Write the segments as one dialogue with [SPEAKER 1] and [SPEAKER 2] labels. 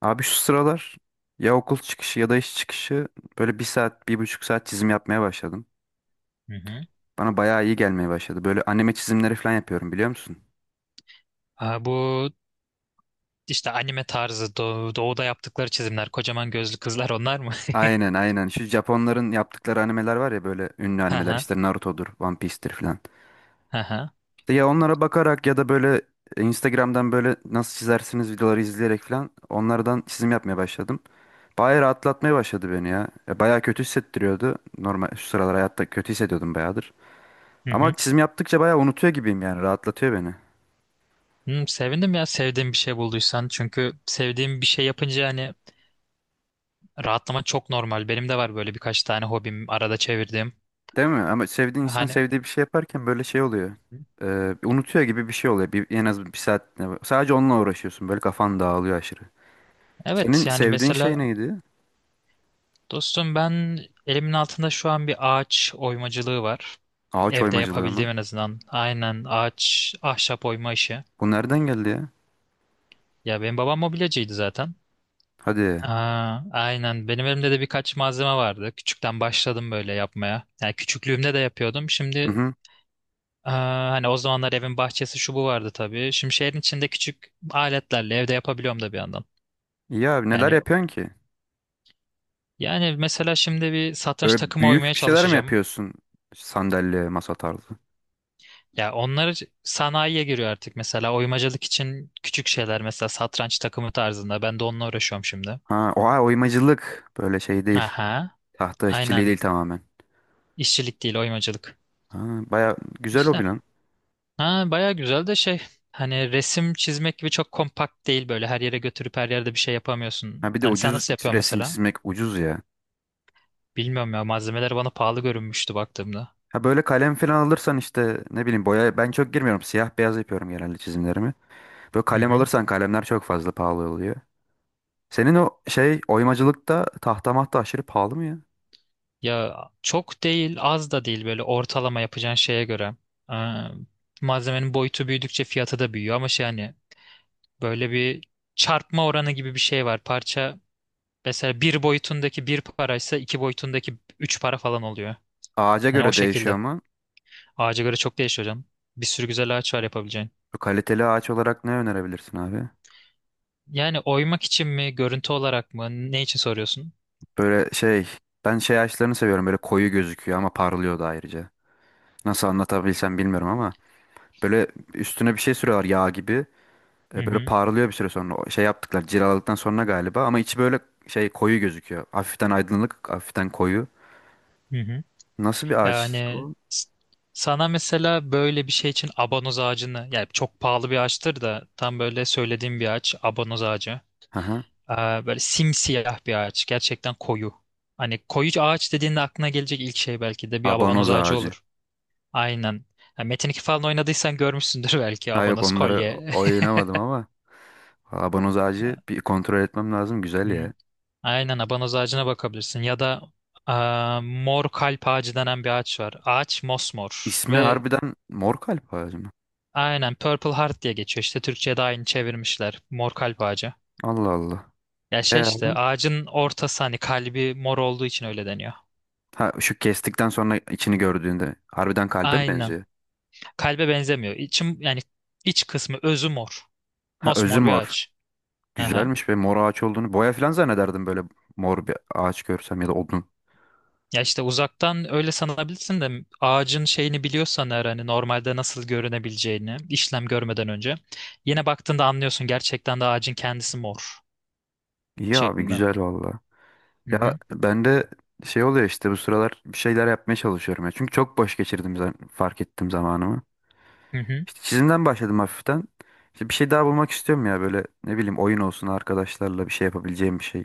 [SPEAKER 1] Abi şu sıralar ya okul çıkışı ya da iş çıkışı böyle bir saat, bir buçuk saat çizim yapmaya başladım.
[SPEAKER 2] Hı hı.
[SPEAKER 1] Bana bayağı iyi gelmeye başladı. Böyle anime çizimleri falan yapıyorum biliyor musun?
[SPEAKER 2] Ha, bu işte anime tarzı doğuda yaptıkları çizimler, kocaman gözlü kızlar onlar mı?
[SPEAKER 1] Aynen aynen. Şu Japonların yaptıkları animeler var ya böyle ünlü
[SPEAKER 2] Hı
[SPEAKER 1] animeler.
[SPEAKER 2] hı.
[SPEAKER 1] İşte Naruto'dur, One Piece'tir falan.
[SPEAKER 2] Hı hı.
[SPEAKER 1] İşte ya onlara bakarak ya da böyle Instagram'dan böyle nasıl çizersiniz videoları izleyerek falan onlardan çizim yapmaya başladım. Bayağı rahatlatmaya başladı beni ya. Ya bayağı kötü hissettiriyordu. Normal şu sıralar hayatta kötü hissediyordum bayağıdır.
[SPEAKER 2] Hı hı.
[SPEAKER 1] Ama çizim yaptıkça bayağı unutuyor gibiyim yani rahatlatıyor beni.
[SPEAKER 2] Sevindim ya sevdiğim bir şey bulduysan. Çünkü sevdiğim bir şey yapınca hani rahatlama çok normal. Benim de var böyle birkaç tane hobim arada çevirdiğim.
[SPEAKER 1] Değil mi? Ama sevdiğin insan
[SPEAKER 2] Hani
[SPEAKER 1] sevdiği bir şey yaparken böyle şey oluyor. Unutuyor gibi bir şey oluyor. Bir, en az bir saat sadece onunla uğraşıyorsun. Böyle kafan dağılıyor aşırı.
[SPEAKER 2] evet,
[SPEAKER 1] Senin
[SPEAKER 2] yani
[SPEAKER 1] sevdiğin şey
[SPEAKER 2] mesela
[SPEAKER 1] neydi?
[SPEAKER 2] dostum ben elimin altında şu an bir ağaç oymacılığı var.
[SPEAKER 1] Ağaç
[SPEAKER 2] Evde
[SPEAKER 1] oymacılığı mı?
[SPEAKER 2] yapabildiğim en azından. Aynen, ağaç, ahşap oyma işi.
[SPEAKER 1] Bu nereden geldi ya?
[SPEAKER 2] Ya benim babam mobilyacıydı zaten.
[SPEAKER 1] Hadi.
[SPEAKER 2] Aynen. Benim elimde de birkaç malzeme vardı. Küçükten başladım böyle yapmaya. Yani küçüklüğümde de yapıyordum.
[SPEAKER 1] Hı
[SPEAKER 2] Şimdi
[SPEAKER 1] hı.
[SPEAKER 2] hani o zamanlar evin bahçesi şu bu vardı tabii. Şimdi şehrin içinde küçük aletlerle evde yapabiliyorum da bir yandan.
[SPEAKER 1] İyi abi neler
[SPEAKER 2] Yani
[SPEAKER 1] yapıyorsun ki?
[SPEAKER 2] yani mesela şimdi bir satranç
[SPEAKER 1] Böyle
[SPEAKER 2] takımı
[SPEAKER 1] büyük
[SPEAKER 2] oymaya
[SPEAKER 1] bir şeyler mi
[SPEAKER 2] çalışacağım.
[SPEAKER 1] yapıyorsun? Sandalye, masa tarzı.
[SPEAKER 2] Ya onlar sanayiye giriyor artık, mesela oymacılık için küçük şeyler, mesela satranç takımı tarzında. Ben de onunla uğraşıyorum şimdi.
[SPEAKER 1] Ha, oha oymacılık. Böyle şey değil.
[SPEAKER 2] Aha,
[SPEAKER 1] Tahta işçiliği
[SPEAKER 2] aynen.
[SPEAKER 1] değil tamamen.
[SPEAKER 2] İşçilik değil, oymacılık.
[SPEAKER 1] Ha, baya güzel o
[SPEAKER 2] İşte
[SPEAKER 1] lan.
[SPEAKER 2] ha, baya güzel de şey, hani resim çizmek gibi çok kompakt değil, böyle her yere götürüp her yerde bir şey yapamıyorsun.
[SPEAKER 1] Ha bir de
[SPEAKER 2] Hani sen
[SPEAKER 1] ucuz
[SPEAKER 2] nasıl yapıyorsun
[SPEAKER 1] resim
[SPEAKER 2] mesela?
[SPEAKER 1] çizmek ucuz ya.
[SPEAKER 2] Bilmiyorum ya, malzemeler bana pahalı görünmüştü baktığımda.
[SPEAKER 1] Ha böyle kalem falan alırsan işte ne bileyim boya ben çok girmiyorum. Siyah beyaz yapıyorum genelde çizimlerimi. Böyle
[SPEAKER 2] Hı
[SPEAKER 1] kalem
[SPEAKER 2] hı.
[SPEAKER 1] alırsan kalemler çok fazla pahalı oluyor. Senin o şey oymacılıkta tahta mahta aşırı pahalı mı ya?
[SPEAKER 2] Ya çok değil, az da değil, böyle ortalama, yapacağın şeye göre. Aa, malzemenin boyutu büyüdükçe fiyatı da büyüyor, ama şey, hani böyle bir çarpma oranı gibi bir şey var. Parça, mesela bir boyutundaki bir paraysa iki boyutundaki üç para falan oluyor.
[SPEAKER 1] Ağaca
[SPEAKER 2] Hani o
[SPEAKER 1] göre değişiyor
[SPEAKER 2] şekilde.
[SPEAKER 1] mu?
[SPEAKER 2] Ağaca göre çok değişiyor hocam. Bir sürü güzel ağaç var yapabileceğin.
[SPEAKER 1] Bu kaliteli ağaç olarak ne önerebilirsin abi?
[SPEAKER 2] Yani oymak için mi, görüntü olarak mı, ne için soruyorsun?
[SPEAKER 1] Böyle şey ben şey ağaçlarını seviyorum böyle koyu gözüküyor ama parlıyor da ayrıca. Nasıl anlatabilsem bilmiyorum ama böyle üstüne bir şey sürüyorlar yağ gibi.
[SPEAKER 2] Hı
[SPEAKER 1] Böyle
[SPEAKER 2] hı,
[SPEAKER 1] parlıyor bir süre sonra. O şey yaptıklar cilaladıktan sonra galiba ama içi böyle şey koyu gözüküyor. Hafiften aydınlık, hafiften koyu.
[SPEAKER 2] hı hı.
[SPEAKER 1] Nasıl bir ağaç
[SPEAKER 2] Yani
[SPEAKER 1] o?
[SPEAKER 2] s- sana mesela böyle bir şey için abanoz ağacını, yani çok pahalı bir ağaçtır da tam böyle söylediğim bir ağaç, abanoz ağacı.
[SPEAKER 1] Aha,
[SPEAKER 2] Böyle simsiyah bir ağaç, gerçekten koyu. Hani koyu ağaç dediğinde aklına gelecek ilk şey belki de bir abanoz
[SPEAKER 1] abanoz
[SPEAKER 2] ağacı
[SPEAKER 1] ağacı.
[SPEAKER 2] olur. Aynen. Ha, Metin 2 falan oynadıysan görmüşsündür belki,
[SPEAKER 1] Ha yok
[SPEAKER 2] abanoz
[SPEAKER 1] onları
[SPEAKER 2] kolye.
[SPEAKER 1] oynamadım ama abanoz ağacı bir kontrol etmem lazım. Güzel
[SPEAKER 2] Hı.
[SPEAKER 1] ya.
[SPEAKER 2] Aynen, abanoz ağacına bakabilirsin ya da mor kalp ağacı denen bir ağaç var. Ağaç mosmor
[SPEAKER 1] İsmi
[SPEAKER 2] ve
[SPEAKER 1] harbiden mor kalp ağacı mı?
[SPEAKER 2] aynen Purple Heart diye geçiyor. İşte Türkçe'ye de aynı çevirmişler. Mor kalp ağacı.
[SPEAKER 1] Allah Allah.
[SPEAKER 2] Ya
[SPEAKER 1] E
[SPEAKER 2] şey, işte
[SPEAKER 1] abi?
[SPEAKER 2] ağacın ortası, hani kalbi mor olduğu için öyle deniyor.
[SPEAKER 1] Ha şu kestikten sonra içini gördüğünde harbiden kalbe mi
[SPEAKER 2] Aynen.
[SPEAKER 1] benziyor?
[SPEAKER 2] Kalbe benzemiyor. İçim, yani iç kısmı, özü mor.
[SPEAKER 1] Ha özü
[SPEAKER 2] Mosmor bir
[SPEAKER 1] mor.
[SPEAKER 2] ağaç. Aha.
[SPEAKER 1] Güzelmiş be mor ağaç olduğunu. Boya falan zannederdim böyle mor bir ağaç görsem ya da odun.
[SPEAKER 2] Ya işte uzaktan öyle sanabilirsin de, ağacın şeyini biliyorsan eğer, hani normalde nasıl görünebileceğini işlem görmeden önce, yine baktığında anlıyorsun gerçekten de ağacın kendisi mor
[SPEAKER 1] İyi abi
[SPEAKER 2] şeklinde.
[SPEAKER 1] güzel valla.
[SPEAKER 2] Hı
[SPEAKER 1] Ya
[SPEAKER 2] hı,
[SPEAKER 1] ben de şey oluyor işte bu sıralar bir şeyler yapmaya çalışıyorum ya. Çünkü çok boş geçirdim fark ettim zamanımı.
[SPEAKER 2] hı hı.
[SPEAKER 1] İşte çizimden başladım hafiften. İşte bir şey daha bulmak istiyorum ya böyle ne bileyim oyun olsun arkadaşlarla bir şey yapabileceğim bir şey.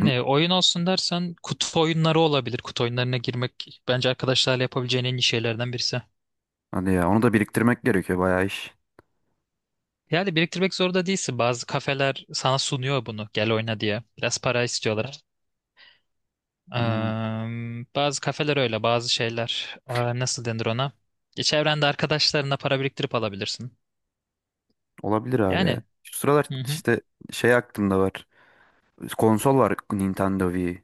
[SPEAKER 1] Hı,
[SPEAKER 2] oyun olsun dersen kutu oyunları olabilir. Kutu oyunlarına girmek bence arkadaşlarla yapabileceğin en iyi şeylerden birisi.
[SPEAKER 1] hadi ya onu da biriktirmek gerekiyor bayağı iş.
[SPEAKER 2] Yani biriktirmek zorunda değilsin. Bazı kafeler sana sunuyor bunu, gel oyna diye. Biraz para istiyorlar.
[SPEAKER 1] Hmm,
[SPEAKER 2] Eee, bazı kafeler öyle, bazı şeyler. Nasıl denir ona? Çevrende, arkadaşlarına para biriktirip alabilirsin.
[SPEAKER 1] olabilir abi ya.
[SPEAKER 2] Yani.
[SPEAKER 1] Şu sıralar
[SPEAKER 2] Hı hı.
[SPEAKER 1] işte şey aklımda var. Konsol var Nintendo Wii.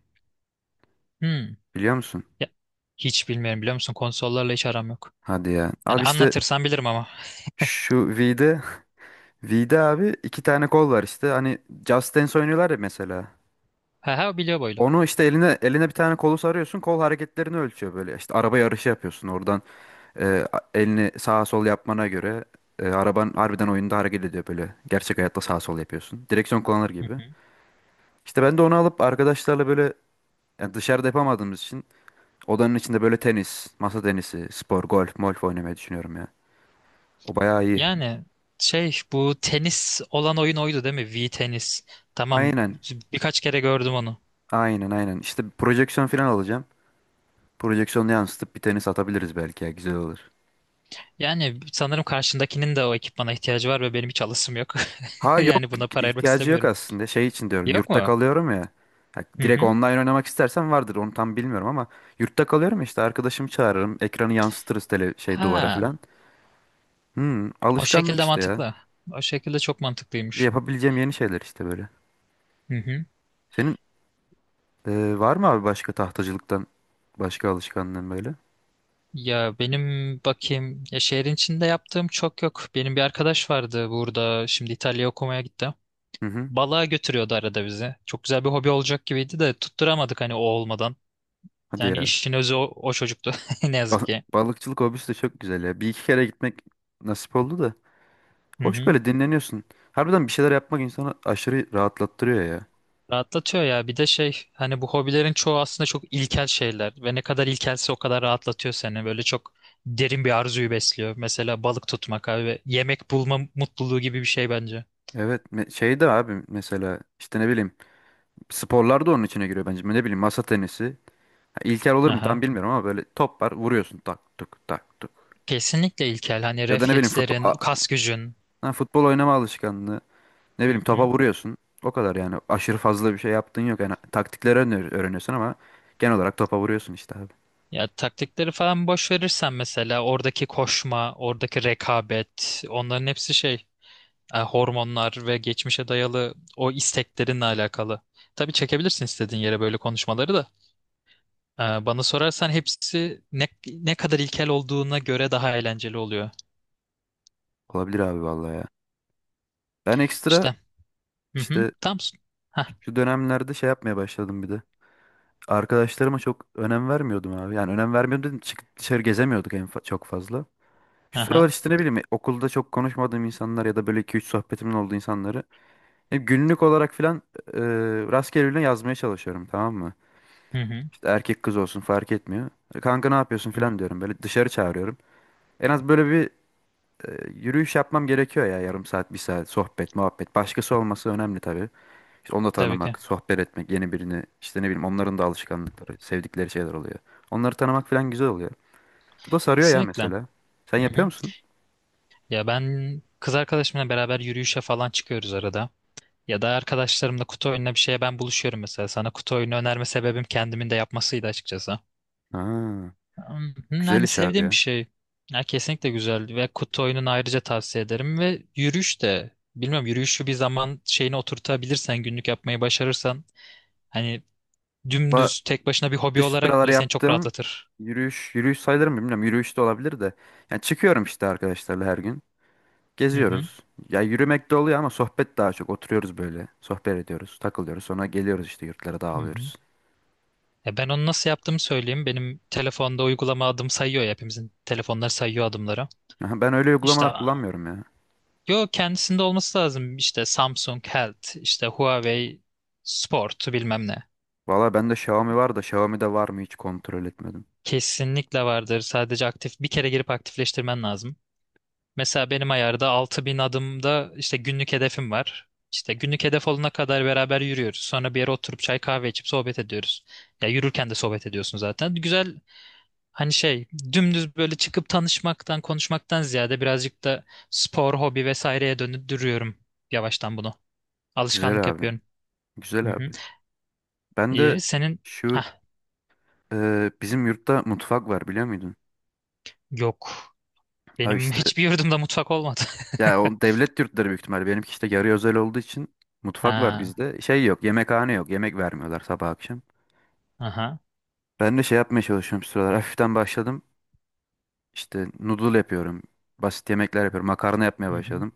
[SPEAKER 2] Hmm.
[SPEAKER 1] Biliyor musun?
[SPEAKER 2] Ya, hiç bilmiyorum, biliyor musun? Konsollarla hiç aram yok.
[SPEAKER 1] Hadi ya.
[SPEAKER 2] Yani
[SPEAKER 1] Abi işte
[SPEAKER 2] anlatırsan bilirim ama.
[SPEAKER 1] şu V'de V'de abi iki tane kol var işte. Hani Just Dance oynuyorlar ya mesela.
[SPEAKER 2] Ha ha, biliyor boylu.
[SPEAKER 1] Onu işte eline bir tane kolu sarıyorsun. Kol hareketlerini ölçüyor böyle. İşte araba yarışı yapıyorsun oradan. Elini sağa sol yapmana göre araban harbiden oyunda hareket ediyor böyle. Gerçek hayatta sağa sol yapıyorsun. Direksiyon kullanır
[SPEAKER 2] Hı
[SPEAKER 1] gibi.
[SPEAKER 2] hı.
[SPEAKER 1] İşte ben de onu alıp arkadaşlarla böyle yani dışarıda yapamadığımız için odanın içinde böyle tenis, masa tenisi, spor, golf, molf oynamayı düşünüyorum ya. O bayağı iyi.
[SPEAKER 2] Yani şey, bu tenis olan oyun oydu değil mi? V tenis. Tamam,
[SPEAKER 1] Aynen.
[SPEAKER 2] birkaç kere gördüm onu.
[SPEAKER 1] Aynen aynen. İşte projeksiyon falan alacağım. Projeksiyonu yansıtıp bir tenis atabiliriz belki ya güzel olur.
[SPEAKER 2] Yani sanırım karşındakinin de o ekipmana ihtiyacı var ve benim hiç alışım yok.
[SPEAKER 1] Ha yok
[SPEAKER 2] Yani buna para ayırmak
[SPEAKER 1] ihtiyacı yok
[SPEAKER 2] istemiyorum.
[SPEAKER 1] aslında. Şey için diyorum
[SPEAKER 2] Yok
[SPEAKER 1] yurtta
[SPEAKER 2] mu?
[SPEAKER 1] kalıyorum ya. Ha,
[SPEAKER 2] Hı
[SPEAKER 1] direkt
[SPEAKER 2] hı.
[SPEAKER 1] online oynamak istersen vardır onu tam bilmiyorum ama yurtta kalıyorum ya, işte arkadaşımı çağırırım. Ekranı yansıtırız tele şey duvara
[SPEAKER 2] Ha.
[SPEAKER 1] falan. Hmm,
[SPEAKER 2] O
[SPEAKER 1] alışkanlık
[SPEAKER 2] şekilde
[SPEAKER 1] işte ya.
[SPEAKER 2] mantıklı. O şekilde çok mantıklıymış.
[SPEAKER 1] Yapabileceğim yeni şeyler işte böyle.
[SPEAKER 2] Hı hı.
[SPEAKER 1] Senin var mı abi başka tahtacılıktan başka alışkanlığın böyle?
[SPEAKER 2] Ya benim, bakayım ya, şehrin içinde yaptığım çok yok. Benim bir arkadaş vardı burada, şimdi İtalya'ya okumaya gitti.
[SPEAKER 1] Hı hı.
[SPEAKER 2] Balığa götürüyordu arada bizi. Çok güzel bir hobi olacak gibiydi de tutturamadık, hani o olmadan.
[SPEAKER 1] Hadi
[SPEAKER 2] Yani
[SPEAKER 1] ya.
[SPEAKER 2] işin özü o, o çocuktu ne yazık
[SPEAKER 1] Bal-
[SPEAKER 2] ki.
[SPEAKER 1] Balıkçılık hobisi de çok güzel ya. Bir iki kere gitmek nasip oldu da.
[SPEAKER 2] Hı
[SPEAKER 1] Hoş
[SPEAKER 2] hı.
[SPEAKER 1] böyle dinleniyorsun. Harbiden bir şeyler yapmak insanı aşırı rahatlattırıyor ya.
[SPEAKER 2] Rahatlatıyor ya. Bir de şey, hani bu hobilerin çoğu aslında çok ilkel şeyler ve ne kadar ilkelse o kadar rahatlatıyor seni. Böyle çok derin bir arzuyu besliyor. Mesela balık tutmak abi, ve yemek bulma mutluluğu gibi bir şey bence.
[SPEAKER 1] Evet şey de abi mesela işte ne bileyim sporlar da onun içine giriyor bence. Ne bileyim masa tenisi. Ha, İlkel olur mu tam
[SPEAKER 2] Aha.
[SPEAKER 1] bilmiyorum ama böyle top var vuruyorsun tak tuk tak tuk.
[SPEAKER 2] Kesinlikle ilkel. Hani
[SPEAKER 1] Ya da ne bileyim futbol,
[SPEAKER 2] reflekslerin, kas gücün.
[SPEAKER 1] ha, futbol oynama alışkanlığı. Ne
[SPEAKER 2] Hı
[SPEAKER 1] bileyim topa
[SPEAKER 2] hı.
[SPEAKER 1] vuruyorsun. O kadar yani aşırı fazla bir şey yaptığın yok. Yani taktikleri öğreniyorsun ama genel olarak topa vuruyorsun işte abi.
[SPEAKER 2] Ya taktikleri falan boş verirsen, mesela oradaki koşma, oradaki rekabet, onların hepsi şey, hormonlar ve geçmişe dayalı o isteklerinle alakalı. Tabii çekebilirsin istediğin yere böyle konuşmaları da. Bana sorarsan hepsi, ne kadar ilkel olduğuna göre daha eğlenceli oluyor.
[SPEAKER 1] Olabilir abi vallahi ya. Ben ekstra
[SPEAKER 2] İşte. Hı hı.
[SPEAKER 1] işte
[SPEAKER 2] Tam. Hah.
[SPEAKER 1] şu dönemlerde şey yapmaya başladım bir de. Arkadaşlarıma çok önem vermiyordum abi. Yani önem vermiyordum dedim çıkıp dışarı gezemiyorduk çok fazla. Şu sıralar
[SPEAKER 2] Aha.
[SPEAKER 1] işte ne bileyim okulda çok konuşmadığım insanlar ya da böyle iki üç sohbetimin olduğu insanları hep günlük olarak filan e, rastgele yazmaya çalışıyorum tamam mı?
[SPEAKER 2] Hı hı.
[SPEAKER 1] İşte erkek kız olsun fark etmiyor. Kanka ne yapıyorsun
[SPEAKER 2] Hı hı.
[SPEAKER 1] filan diyorum böyle dışarı çağırıyorum. En az böyle bir yürüyüş yapmam gerekiyor ya yarım saat bir saat sohbet muhabbet. Başkası olması önemli tabii. İşte onu da
[SPEAKER 2] Tabii ki.
[SPEAKER 1] tanımak, sohbet etmek, yeni birini işte ne bileyim onların da alışkanlıkları, sevdikleri şeyler oluyor. Onları tanımak falan güzel oluyor. Bu da sarıyor ya
[SPEAKER 2] Kesinlikle.
[SPEAKER 1] mesela. Sen
[SPEAKER 2] Hı
[SPEAKER 1] yapıyor
[SPEAKER 2] hı.
[SPEAKER 1] musun?
[SPEAKER 2] Ya ben kız arkadaşımla beraber yürüyüşe falan çıkıyoruz arada. Ya da arkadaşlarımla kutu oyununa bir şeye ben buluşuyorum mesela. Sana kutu oyunu önerme sebebim kendimin de yapmasıydı açıkçası.
[SPEAKER 1] Ha, güzel
[SPEAKER 2] Yani
[SPEAKER 1] iş abi
[SPEAKER 2] sevdiğim bir
[SPEAKER 1] ya.
[SPEAKER 2] şey. Ya kesinlikle güzel, ve kutu oyununu ayrıca tavsiye ederim, ve yürüyüş de, bilmiyorum, yürüyüşü bir zaman şeyine oturtabilirsen, günlük yapmayı başarırsan, hani
[SPEAKER 1] Va
[SPEAKER 2] dümdüz tek başına bir hobi
[SPEAKER 1] işte şu
[SPEAKER 2] olarak
[SPEAKER 1] sıralar
[SPEAKER 2] bile seni çok
[SPEAKER 1] yaptığım
[SPEAKER 2] rahatlatır.
[SPEAKER 1] yürüyüş, yürüyüş sayılır mı bilmiyorum. Yürüyüş de olabilir de. Yani çıkıyorum işte arkadaşlarla her gün.
[SPEAKER 2] Hı hı.
[SPEAKER 1] Geziyoruz. Ya yürümek de oluyor ama sohbet daha çok. Oturuyoruz böyle. Sohbet ediyoruz, takılıyoruz. Sonra geliyoruz işte yurtlara
[SPEAKER 2] Hı hı.
[SPEAKER 1] dağılıyoruz.
[SPEAKER 2] Ya ben onu nasıl yaptığımı söyleyeyim. Benim telefonda uygulama adım sayıyor ya, hepimizin telefonları sayıyor adımları.
[SPEAKER 1] Aha, ben öyle
[SPEAKER 2] İşte
[SPEAKER 1] uygulamalar kullanmıyorum ya.
[SPEAKER 2] yo, kendisinde olması lazım. İşte Samsung Health, işte Huawei Sport bilmem ne.
[SPEAKER 1] Valla bende Xiaomi var da Xiaomi'de var mı hiç kontrol etmedim.
[SPEAKER 2] Kesinlikle vardır. Sadece aktif bir kere girip aktifleştirmen lazım. Mesela benim ayarda 6.000 adımda işte günlük hedefim var. İşte günlük hedef olana kadar beraber yürüyoruz. Sonra bir yere oturup çay kahve içip sohbet ediyoruz. Ya yürürken de sohbet ediyorsun zaten. Güzel, hani şey, dümdüz böyle çıkıp tanışmaktan konuşmaktan ziyade birazcık da spor, hobi vesaireye döndürüyorum yavaştan bunu. Alışkanlık
[SPEAKER 1] Güzel abi.
[SPEAKER 2] yapıyorum.
[SPEAKER 1] Güzel
[SPEAKER 2] Hı hı.
[SPEAKER 1] abi. Ben de
[SPEAKER 2] İyi. Senin
[SPEAKER 1] şu
[SPEAKER 2] hah,
[SPEAKER 1] bizim yurtta mutfak var biliyor muydun?
[SPEAKER 2] yok.
[SPEAKER 1] Ha
[SPEAKER 2] Benim
[SPEAKER 1] işte
[SPEAKER 2] hiçbir yurdumda mutfak olmadı.
[SPEAKER 1] ya o devlet yurtları büyük ihtimalle. Benimki işte yarı özel olduğu için mutfak var
[SPEAKER 2] Ha,
[SPEAKER 1] bizde. Şey yok, yemekhane yok. Yemek vermiyorlar sabah akşam.
[SPEAKER 2] aha.
[SPEAKER 1] Ben de şey yapmaya çalışıyorum şu sıralar. Hafiften başladım. İşte noodle yapıyorum. Basit yemekler yapıyorum. Makarna yapmaya
[SPEAKER 2] Hı hı.
[SPEAKER 1] başladım.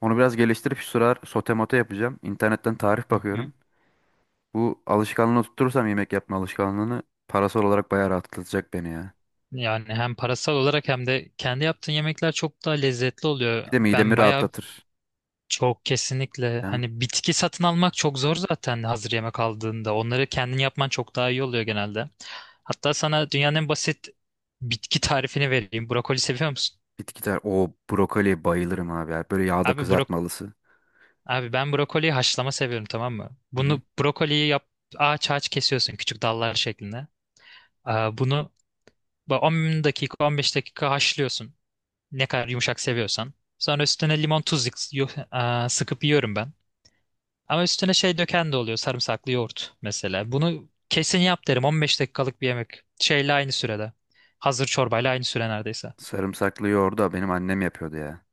[SPEAKER 1] Onu biraz geliştirip şu sıralar sote mote yapacağım. İnternetten tarif
[SPEAKER 2] Hı hı.
[SPEAKER 1] bakıyorum. Bu alışkanlığını tutturursam yemek yapma alışkanlığını parasal olarak bayağı rahatlatacak beni ya.
[SPEAKER 2] Yani hem parasal olarak, hem de kendi yaptığın yemekler çok daha lezzetli oluyor.
[SPEAKER 1] Bir de midemi
[SPEAKER 2] Ben bayağı,
[SPEAKER 1] rahatlatır.
[SPEAKER 2] çok kesinlikle,
[SPEAKER 1] Değil mi?
[SPEAKER 2] hani bitki satın almak çok zor zaten hazır yemek aldığında. Onları kendin yapman çok daha iyi oluyor genelde. Hatta sana dünyanın en basit bitki tarifini vereyim. Brokoli seviyor musun?
[SPEAKER 1] Bitkiler. O brokoli bayılırım abi ya. Böyle yağda
[SPEAKER 2] Abi bro
[SPEAKER 1] kızartmalısı.
[SPEAKER 2] abi ben brokoliyi haşlama seviyorum, tamam mı?
[SPEAKER 1] Hı hı.
[SPEAKER 2] Bunu, brokoliyi yap, ağaç ağaç kesiyorsun küçük dallar şeklinde. Bunu 10 dakika 15 dakika haşlıyorsun. Ne kadar yumuşak seviyorsan. Sonra üstüne limon tuz sıkıp yiyorum ben. Ama üstüne şey döken de oluyor, sarımsaklı yoğurt mesela. Bunu kesin yap derim, 15 dakikalık bir yemek. Şeyle aynı sürede. Hazır çorbayla aynı süre neredeyse.
[SPEAKER 1] Sarımsaklı yoğurdu da benim annem yapıyordu ya.